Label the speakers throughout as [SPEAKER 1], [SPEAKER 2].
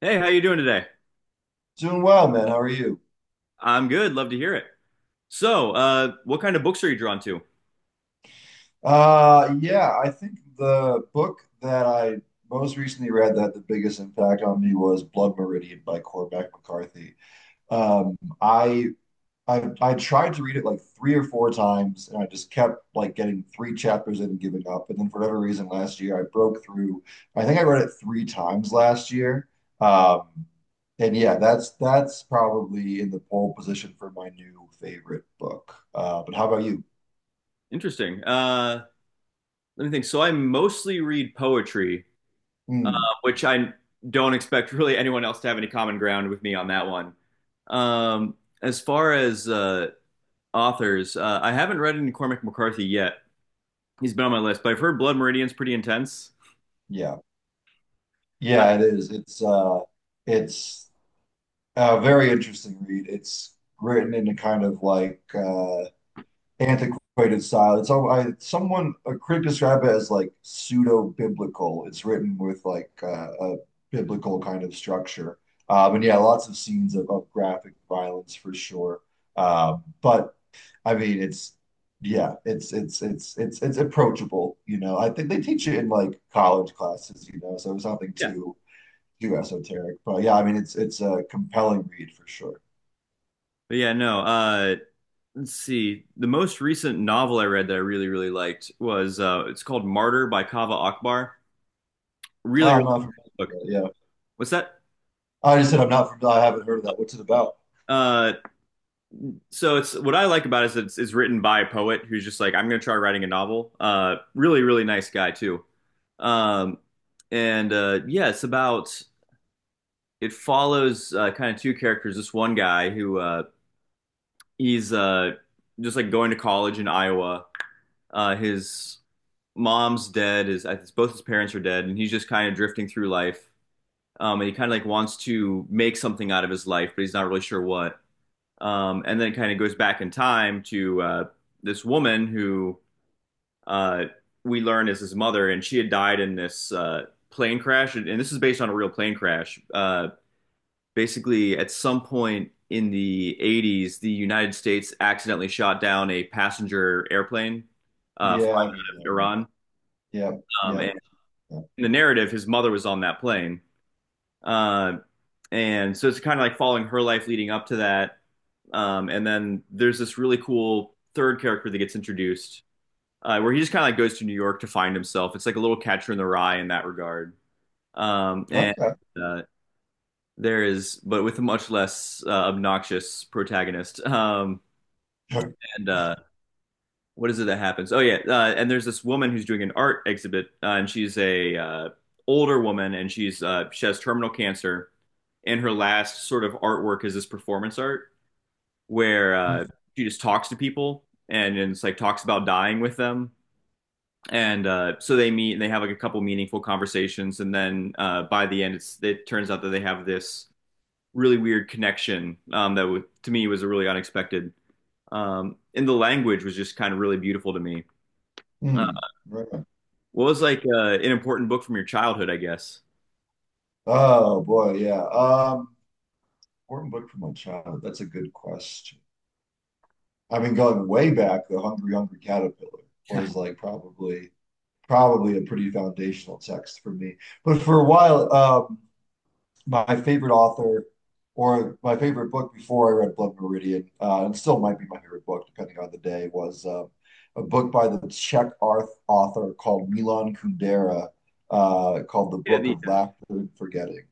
[SPEAKER 1] Hey, how you doing today?
[SPEAKER 2] Doing well, man. How are you?
[SPEAKER 1] I'm good. Love to hear it. So, what kind of books are you drawn to?
[SPEAKER 2] Yeah, I think the book that I most recently read that had the biggest impact on me was Blood Meridian by Cormac McCarthy. Um, I, I tried to read it like three or four times, and I just kept like getting three chapters in and giving up. And then for whatever reason, last year I broke through. I think I read it three times last year. Um, and yeah, that's probably in the pole position for my new favorite book. But how about you?
[SPEAKER 1] Interesting. Let me think. So, I mostly read poetry,
[SPEAKER 2] Hmm.
[SPEAKER 1] which I don't expect really anyone else to have any common ground with me on that one. Um, as far as authors, I haven't read any Cormac McCarthy yet. He's been on my list, but I've heard Blood Meridian's pretty intense.
[SPEAKER 2] Yeah.
[SPEAKER 1] Uh,
[SPEAKER 2] Yeah, it is. It's a very interesting read. It's written in a kind of like antiquated style. It's all I someone a critic described it as like pseudo-biblical. It's written with like a biblical kind of structure. And yeah, lots of scenes of graphic violence for sure. But I mean it's yeah, it's approachable, you know. I think they teach it in like college classes, you know, so it's nothing
[SPEAKER 1] yeah,
[SPEAKER 2] too too esoteric, but yeah, I mean it's a compelling read for sure.
[SPEAKER 1] but yeah, no. Let's see. The most recent novel I read that I really, really liked was it's called Martyr by Kaveh Akbar.
[SPEAKER 2] Oh,
[SPEAKER 1] Really,
[SPEAKER 2] I'm
[SPEAKER 1] really
[SPEAKER 2] not familiar,
[SPEAKER 1] good book.
[SPEAKER 2] with it, yeah.
[SPEAKER 1] What's that?
[SPEAKER 2] I just said I'm not familiar. I haven't heard of that. What's it about?
[SPEAKER 1] Uh, so it's what I like about it is that it's written by a poet who's just like, I'm gonna try writing a novel. Really, really nice guy too. Um, and yeah, it follows kind of two characters. This one guy who he's just like going to college in Iowa. His mom's dead. His Both his parents are dead, and he's just kind of drifting through life. And he kind of like wants to make something out of his life, but he's not really sure what. And then it kind of goes back in time to this woman who uh, we learn is his mother, and she had died in this plane crash. And, this is based on a real plane crash. Basically, at some point in the 80s, the United States accidentally shot down a passenger airplane
[SPEAKER 2] Yeah,
[SPEAKER 1] flying
[SPEAKER 2] I've heard of
[SPEAKER 1] to
[SPEAKER 2] that.
[SPEAKER 1] Iran.
[SPEAKER 2] Yeah, yeah,
[SPEAKER 1] And
[SPEAKER 2] yeah.
[SPEAKER 1] in the narrative, his mother was on that plane. Uh, and so it's kind of like following her life leading up to that. And then there's this really cool third character that gets introduced, where he just kind of like goes to New York to find himself. It's like a little Catcher in the Rye in that regard. And
[SPEAKER 2] Okay,
[SPEAKER 1] uh, there is, but with a much less obnoxious protagonist. Um,
[SPEAKER 2] sure.
[SPEAKER 1] and uh, what is it that happens? Oh yeah, and there's this woman who's doing an art exhibit, and she's a older woman, and she has terminal cancer, and her last sort of artwork is this performance art where
[SPEAKER 2] Mm,
[SPEAKER 1] she just talks to people and it's like talks about dying with them. And so they meet and they have like a couple meaningful conversations. And then by the end, it turns out that they have this really weird connection that w to me was a really unexpected. And the language was just kind of really beautiful to me. Uh,
[SPEAKER 2] mm, right. On.
[SPEAKER 1] what was like an important book from your childhood, I guess?
[SPEAKER 2] Oh boy, yeah. Important book from my childhood. That's a good question. I mean, going way back, The Hungry Hungry Caterpillar was like probably a pretty foundational text for me. But for a while, my favorite author or my favorite book before I read Blood Meridian, and still might be my favorite book depending on the day, was a book by the Czech art author called Milan Kundera called The
[SPEAKER 1] Yeah,
[SPEAKER 2] Book
[SPEAKER 1] the,
[SPEAKER 2] of Laughter and Forgetting.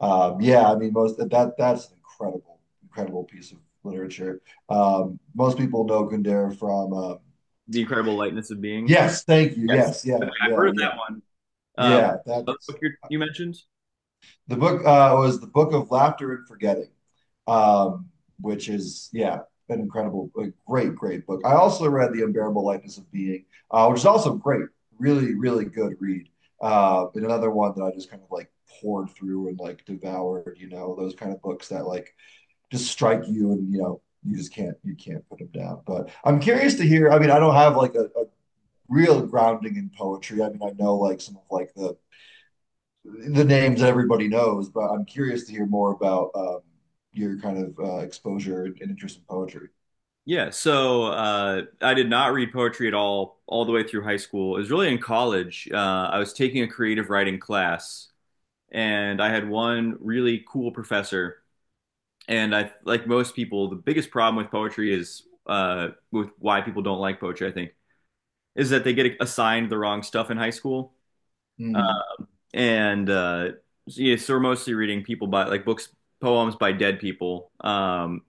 [SPEAKER 2] Yeah, I mean, most that that's an incredible, incredible piece of literature. Most people know Kundera from.
[SPEAKER 1] the Incredible Lightness of Being.
[SPEAKER 2] Yes, thank you.
[SPEAKER 1] Yes.
[SPEAKER 2] Yes, yeah,
[SPEAKER 1] I've heard
[SPEAKER 2] yeah,
[SPEAKER 1] of
[SPEAKER 2] yeah,
[SPEAKER 1] that one. Uh,
[SPEAKER 2] yeah.
[SPEAKER 1] what
[SPEAKER 2] That's
[SPEAKER 1] book you mentioned?
[SPEAKER 2] The book was the Book of Laughter and Forgetting, um, which is yeah, an incredible, a great, great book. I also read The Unbearable Lightness of Being, which is also great, really, really good read. And another one that I just kind of like poured through and like devoured. You know, those kind of books that like just strike you and you know you just can't put them down. But I'm curious to hear. I mean, I don't have like a real grounding in poetry. I mean, I know like some of like the names everybody knows, but I'm curious to hear more about your kind of exposure and interest in poetry.
[SPEAKER 1] Yeah, so I did not read poetry at all the way through high school. It was really in college. I was taking a creative writing class, and I had one really cool professor. And I, like most people, the biggest problem with poetry is, with why people don't like poetry, I think, is that they get assigned the wrong stuff in high school
[SPEAKER 2] Mm,
[SPEAKER 1] and So, yeah, so we're mostly reading people by like books, poems by dead people.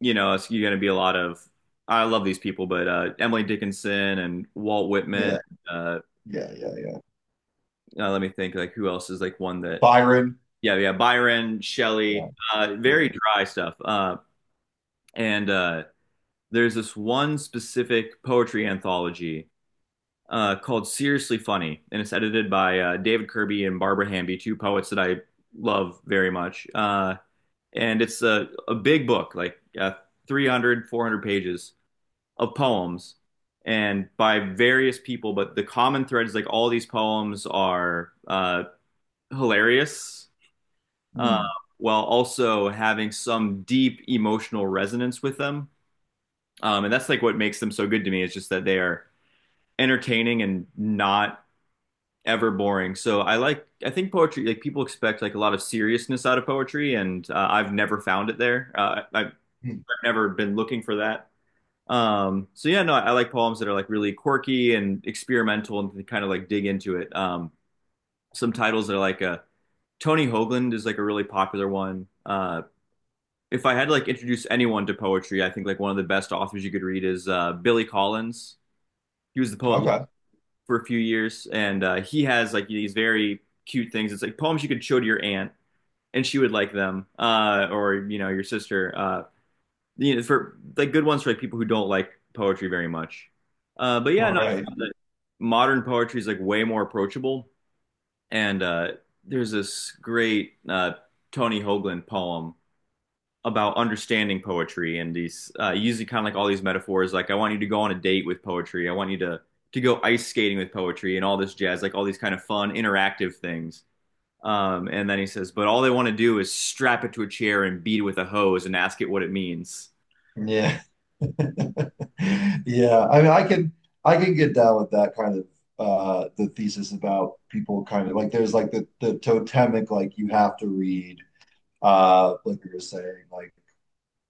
[SPEAKER 1] You know, it's you're gonna be a lot of, I love these people, but Emily Dickinson and Walt Whitman.
[SPEAKER 2] yeah,
[SPEAKER 1] Uh,
[SPEAKER 2] yeah, yeah, yeah.
[SPEAKER 1] Let me think, like who else is like one that?
[SPEAKER 2] Byron.
[SPEAKER 1] Yeah, yeah, Byron,
[SPEAKER 2] Yeah,
[SPEAKER 1] Shelley,
[SPEAKER 2] yeah.
[SPEAKER 1] very dry stuff. And there's this one specific poetry anthology called Seriously Funny, and it's edited by David Kirby and Barbara Hamby, two poets that I love very much. And it's a big book like 300 pages of poems and by various people, but the common thread is like all these poems are hilarious, uh,
[SPEAKER 2] Mm,
[SPEAKER 1] while also having some deep emotional resonance with them, and that's like what makes them so good to me. It's just that they are entertaining and not ever boring. So I like, I think poetry like people expect like a lot of seriousness out of poetry, and I've never found it there. I
[SPEAKER 2] mm,
[SPEAKER 1] never been looking for that. So yeah, no, I like poems that are like really quirky and experimental and kind of like dig into it. Some titles that are like a, Tony Hoagland is like a really popular one. If I had to like introduce anyone to poetry, I think like one of the best authors you could read is Billy Collins. He was the poet
[SPEAKER 2] okay,
[SPEAKER 1] for a few years, and he has like these very cute things. It's like poems you could show to your aunt, and she would like them, or you know your sister. You know, for like good ones, for like people who don't like poetry very much. But yeah, no, I
[SPEAKER 2] right.
[SPEAKER 1] found that modern poetry is like way more approachable. And there's this great Tony Hoagland poem about understanding poetry and these using kind of like all these metaphors. Like I want you to go on a date with poetry. I want you to go ice skating with poetry and all this jazz, like all these kind of fun interactive things. And then he says, but all they want to do is strap it to a chair and beat it with a hose and ask it what it means.
[SPEAKER 2] Yeah, yeah. I mean, I can get down with that kind of the thesis about people kind of like there's like the totemic like you have to read like you were saying like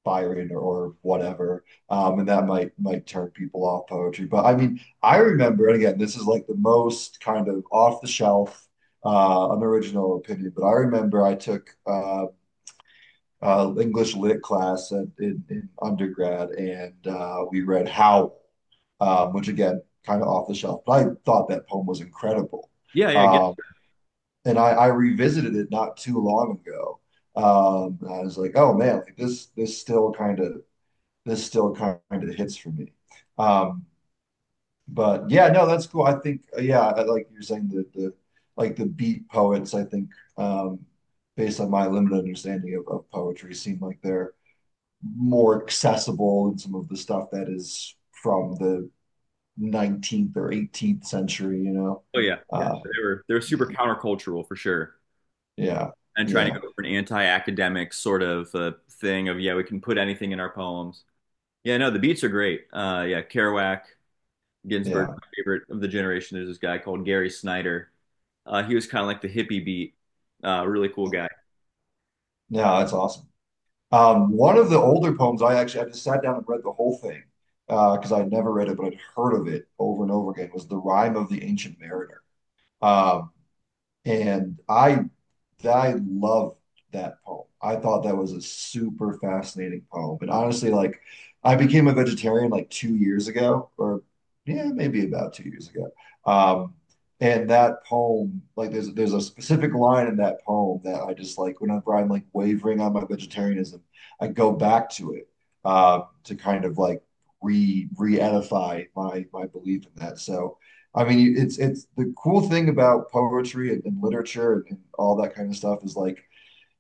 [SPEAKER 2] Byron or whatever. And that might turn people off poetry. But I mean, I remember, and again, this is like the most kind of off the shelf, unoriginal opinion, but I remember I took English lit class at, in undergrad, and we read Howl, which again, kind of off the shelf, but I thought that poem was incredible.
[SPEAKER 1] Yeah, yeah, get
[SPEAKER 2] Um, and I revisited it not too long ago. I was like, oh man, like this still kind of hits for me. Um, but yeah, no, that's cool. I think yeah, like you're saying the like the beat poets. I think um, based on my limited understanding of poetry, seem like they're more accessible than some of the stuff that is from the 19th or 18th century. You know,
[SPEAKER 1] Oh yeah, yeah.
[SPEAKER 2] uh,
[SPEAKER 1] They were super
[SPEAKER 2] yeah,
[SPEAKER 1] countercultural for sure,
[SPEAKER 2] yeah,
[SPEAKER 1] and trying
[SPEAKER 2] yeah,
[SPEAKER 1] to go for an anti-academic sort of thing of, yeah, we can put anything in our poems. Yeah, no, the beats are great. Yeah, Kerouac, Ginsberg,
[SPEAKER 2] yeah.
[SPEAKER 1] my favorite of the generation. There's this guy called Gary Snyder. He was kind of like the hippie beat, really cool guy. Uh,
[SPEAKER 2] No, that's awesome. One of the older poems, I just sat down and read the whole thing because I'd never read it, but I'd heard of it over and over again. Was the Rime of the Ancient Mariner, um, and I love that poem. I thought that was a super fascinating poem. And honestly, like I became a vegetarian like 2 years ago, or yeah, maybe about 2 years ago. Um, and that poem, like there's a specific line in that poem that I just like whenever I'm like wavering on my vegetarianism, I go back to it to kind of like re re-edify my my belief in that. So I mean, it's the cool thing about poetry and literature and all that kind of stuff is like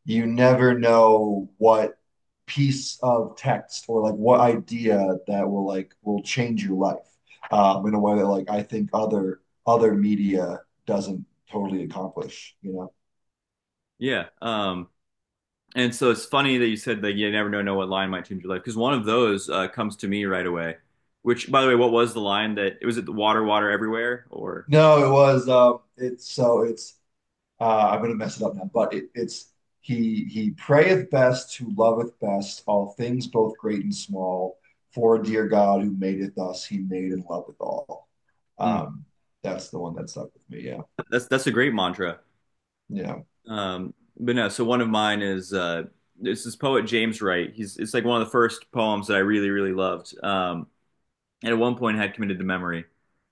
[SPEAKER 2] you never know what piece of text or like what idea that will like will change your life in a way that like I think other other media doesn't totally accomplish, you know.
[SPEAKER 1] yeah, um, and so it's funny that you said that you never know what line might change your life, because one of those comes to me right away. Which, by the way, what was the line? That was it? The water, water everywhere, or
[SPEAKER 2] No, it was it's so it's I'm going to mess it up now, but it, it's he prayeth best who loveth best all things both great and small. For dear God who madeth us, he made and loveth all.
[SPEAKER 1] mm.
[SPEAKER 2] Um, that's the one that stuck with me. Yeah,
[SPEAKER 1] That's a great mantra.
[SPEAKER 2] yeah.
[SPEAKER 1] Um, but no, so one of mine is, this is poet James Wright. He's It's like one of the first poems that I really really loved. And at one point I had committed to memory.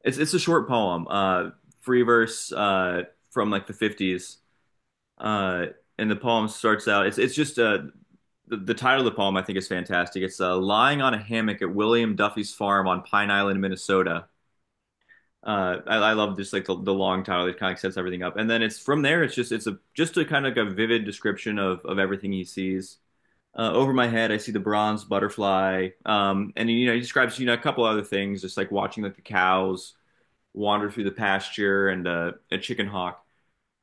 [SPEAKER 1] It's a short poem, free verse, from like the fifties. Uh, and the poem starts out. It's just the title of the poem, I think, is fantastic. It's lying on a hammock at William Duffy's farm on Pine Island, Minnesota. I love just like the long title that kind of sets everything up, and then it's from there, it's a just a kind of like a vivid description of everything he sees. Over my head I see the bronze butterfly, and you know, he describes, you know, a couple other things, just like watching like the cows wander through the pasture and a chicken hawk.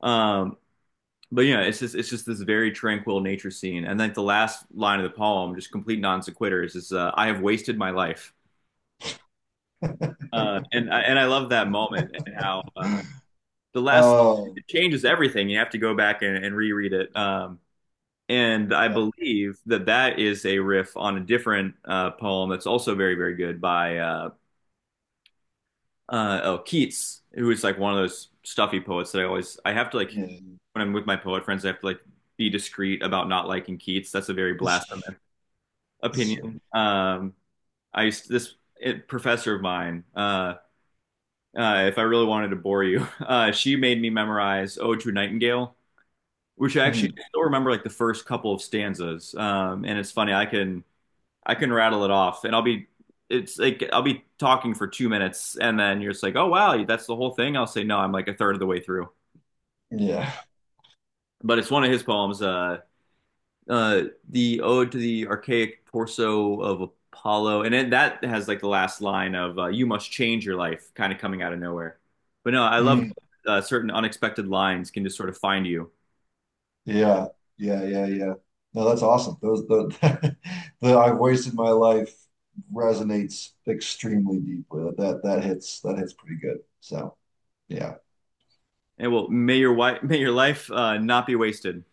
[SPEAKER 1] Um but yeah, it's just this very tranquil nature scene, and then the last line of the poem, just complete non sequiturs, is, I have wasted my life. And I love that moment, and how the last line,
[SPEAKER 2] Oh,
[SPEAKER 1] it changes everything. You have to go back and reread it. And I
[SPEAKER 2] uh,
[SPEAKER 1] believe that that is a riff on a different poem that's also very, very good by, oh, Keats, who is like one of those stuffy poets that I always, I have to like,
[SPEAKER 2] yeah.
[SPEAKER 1] when I'm with my poet friends, I have to like be discreet about not liking Keats. That's a very blasphemous opinion. I used to, this professor of mine. If I really wanted to bore you, she made me memorize "Ode to a Nightingale," which actually
[SPEAKER 2] Mm,
[SPEAKER 1] I still remember like the first couple of stanzas. And it's funny, I can rattle it off, and I'll be it's like I'll be talking for 2 minutes, and then you're just like, oh wow, that's the whole thing. I'll say no, I'm like a third of the way through.
[SPEAKER 2] yeah,
[SPEAKER 1] But it's one of his poems, uh, the Ode to the Archaic Torso of Apollo, and it, that has like the last line of "You must change your life," kind of coming out of nowhere. But no, I love
[SPEAKER 2] Mm,
[SPEAKER 1] certain unexpected lines can just sort of find you.
[SPEAKER 2] yeah, yeah, yeah, yeah. No, that's awesome. Those the the I've wasted my life resonates extremely deeply. That hits that hits pretty good. So. Yeah.
[SPEAKER 1] And well, may your life not be wasted.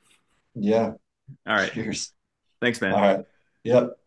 [SPEAKER 2] Yeah.
[SPEAKER 1] All right.
[SPEAKER 2] Cheers.
[SPEAKER 1] Thanks,
[SPEAKER 2] All
[SPEAKER 1] man.
[SPEAKER 2] right. Yep.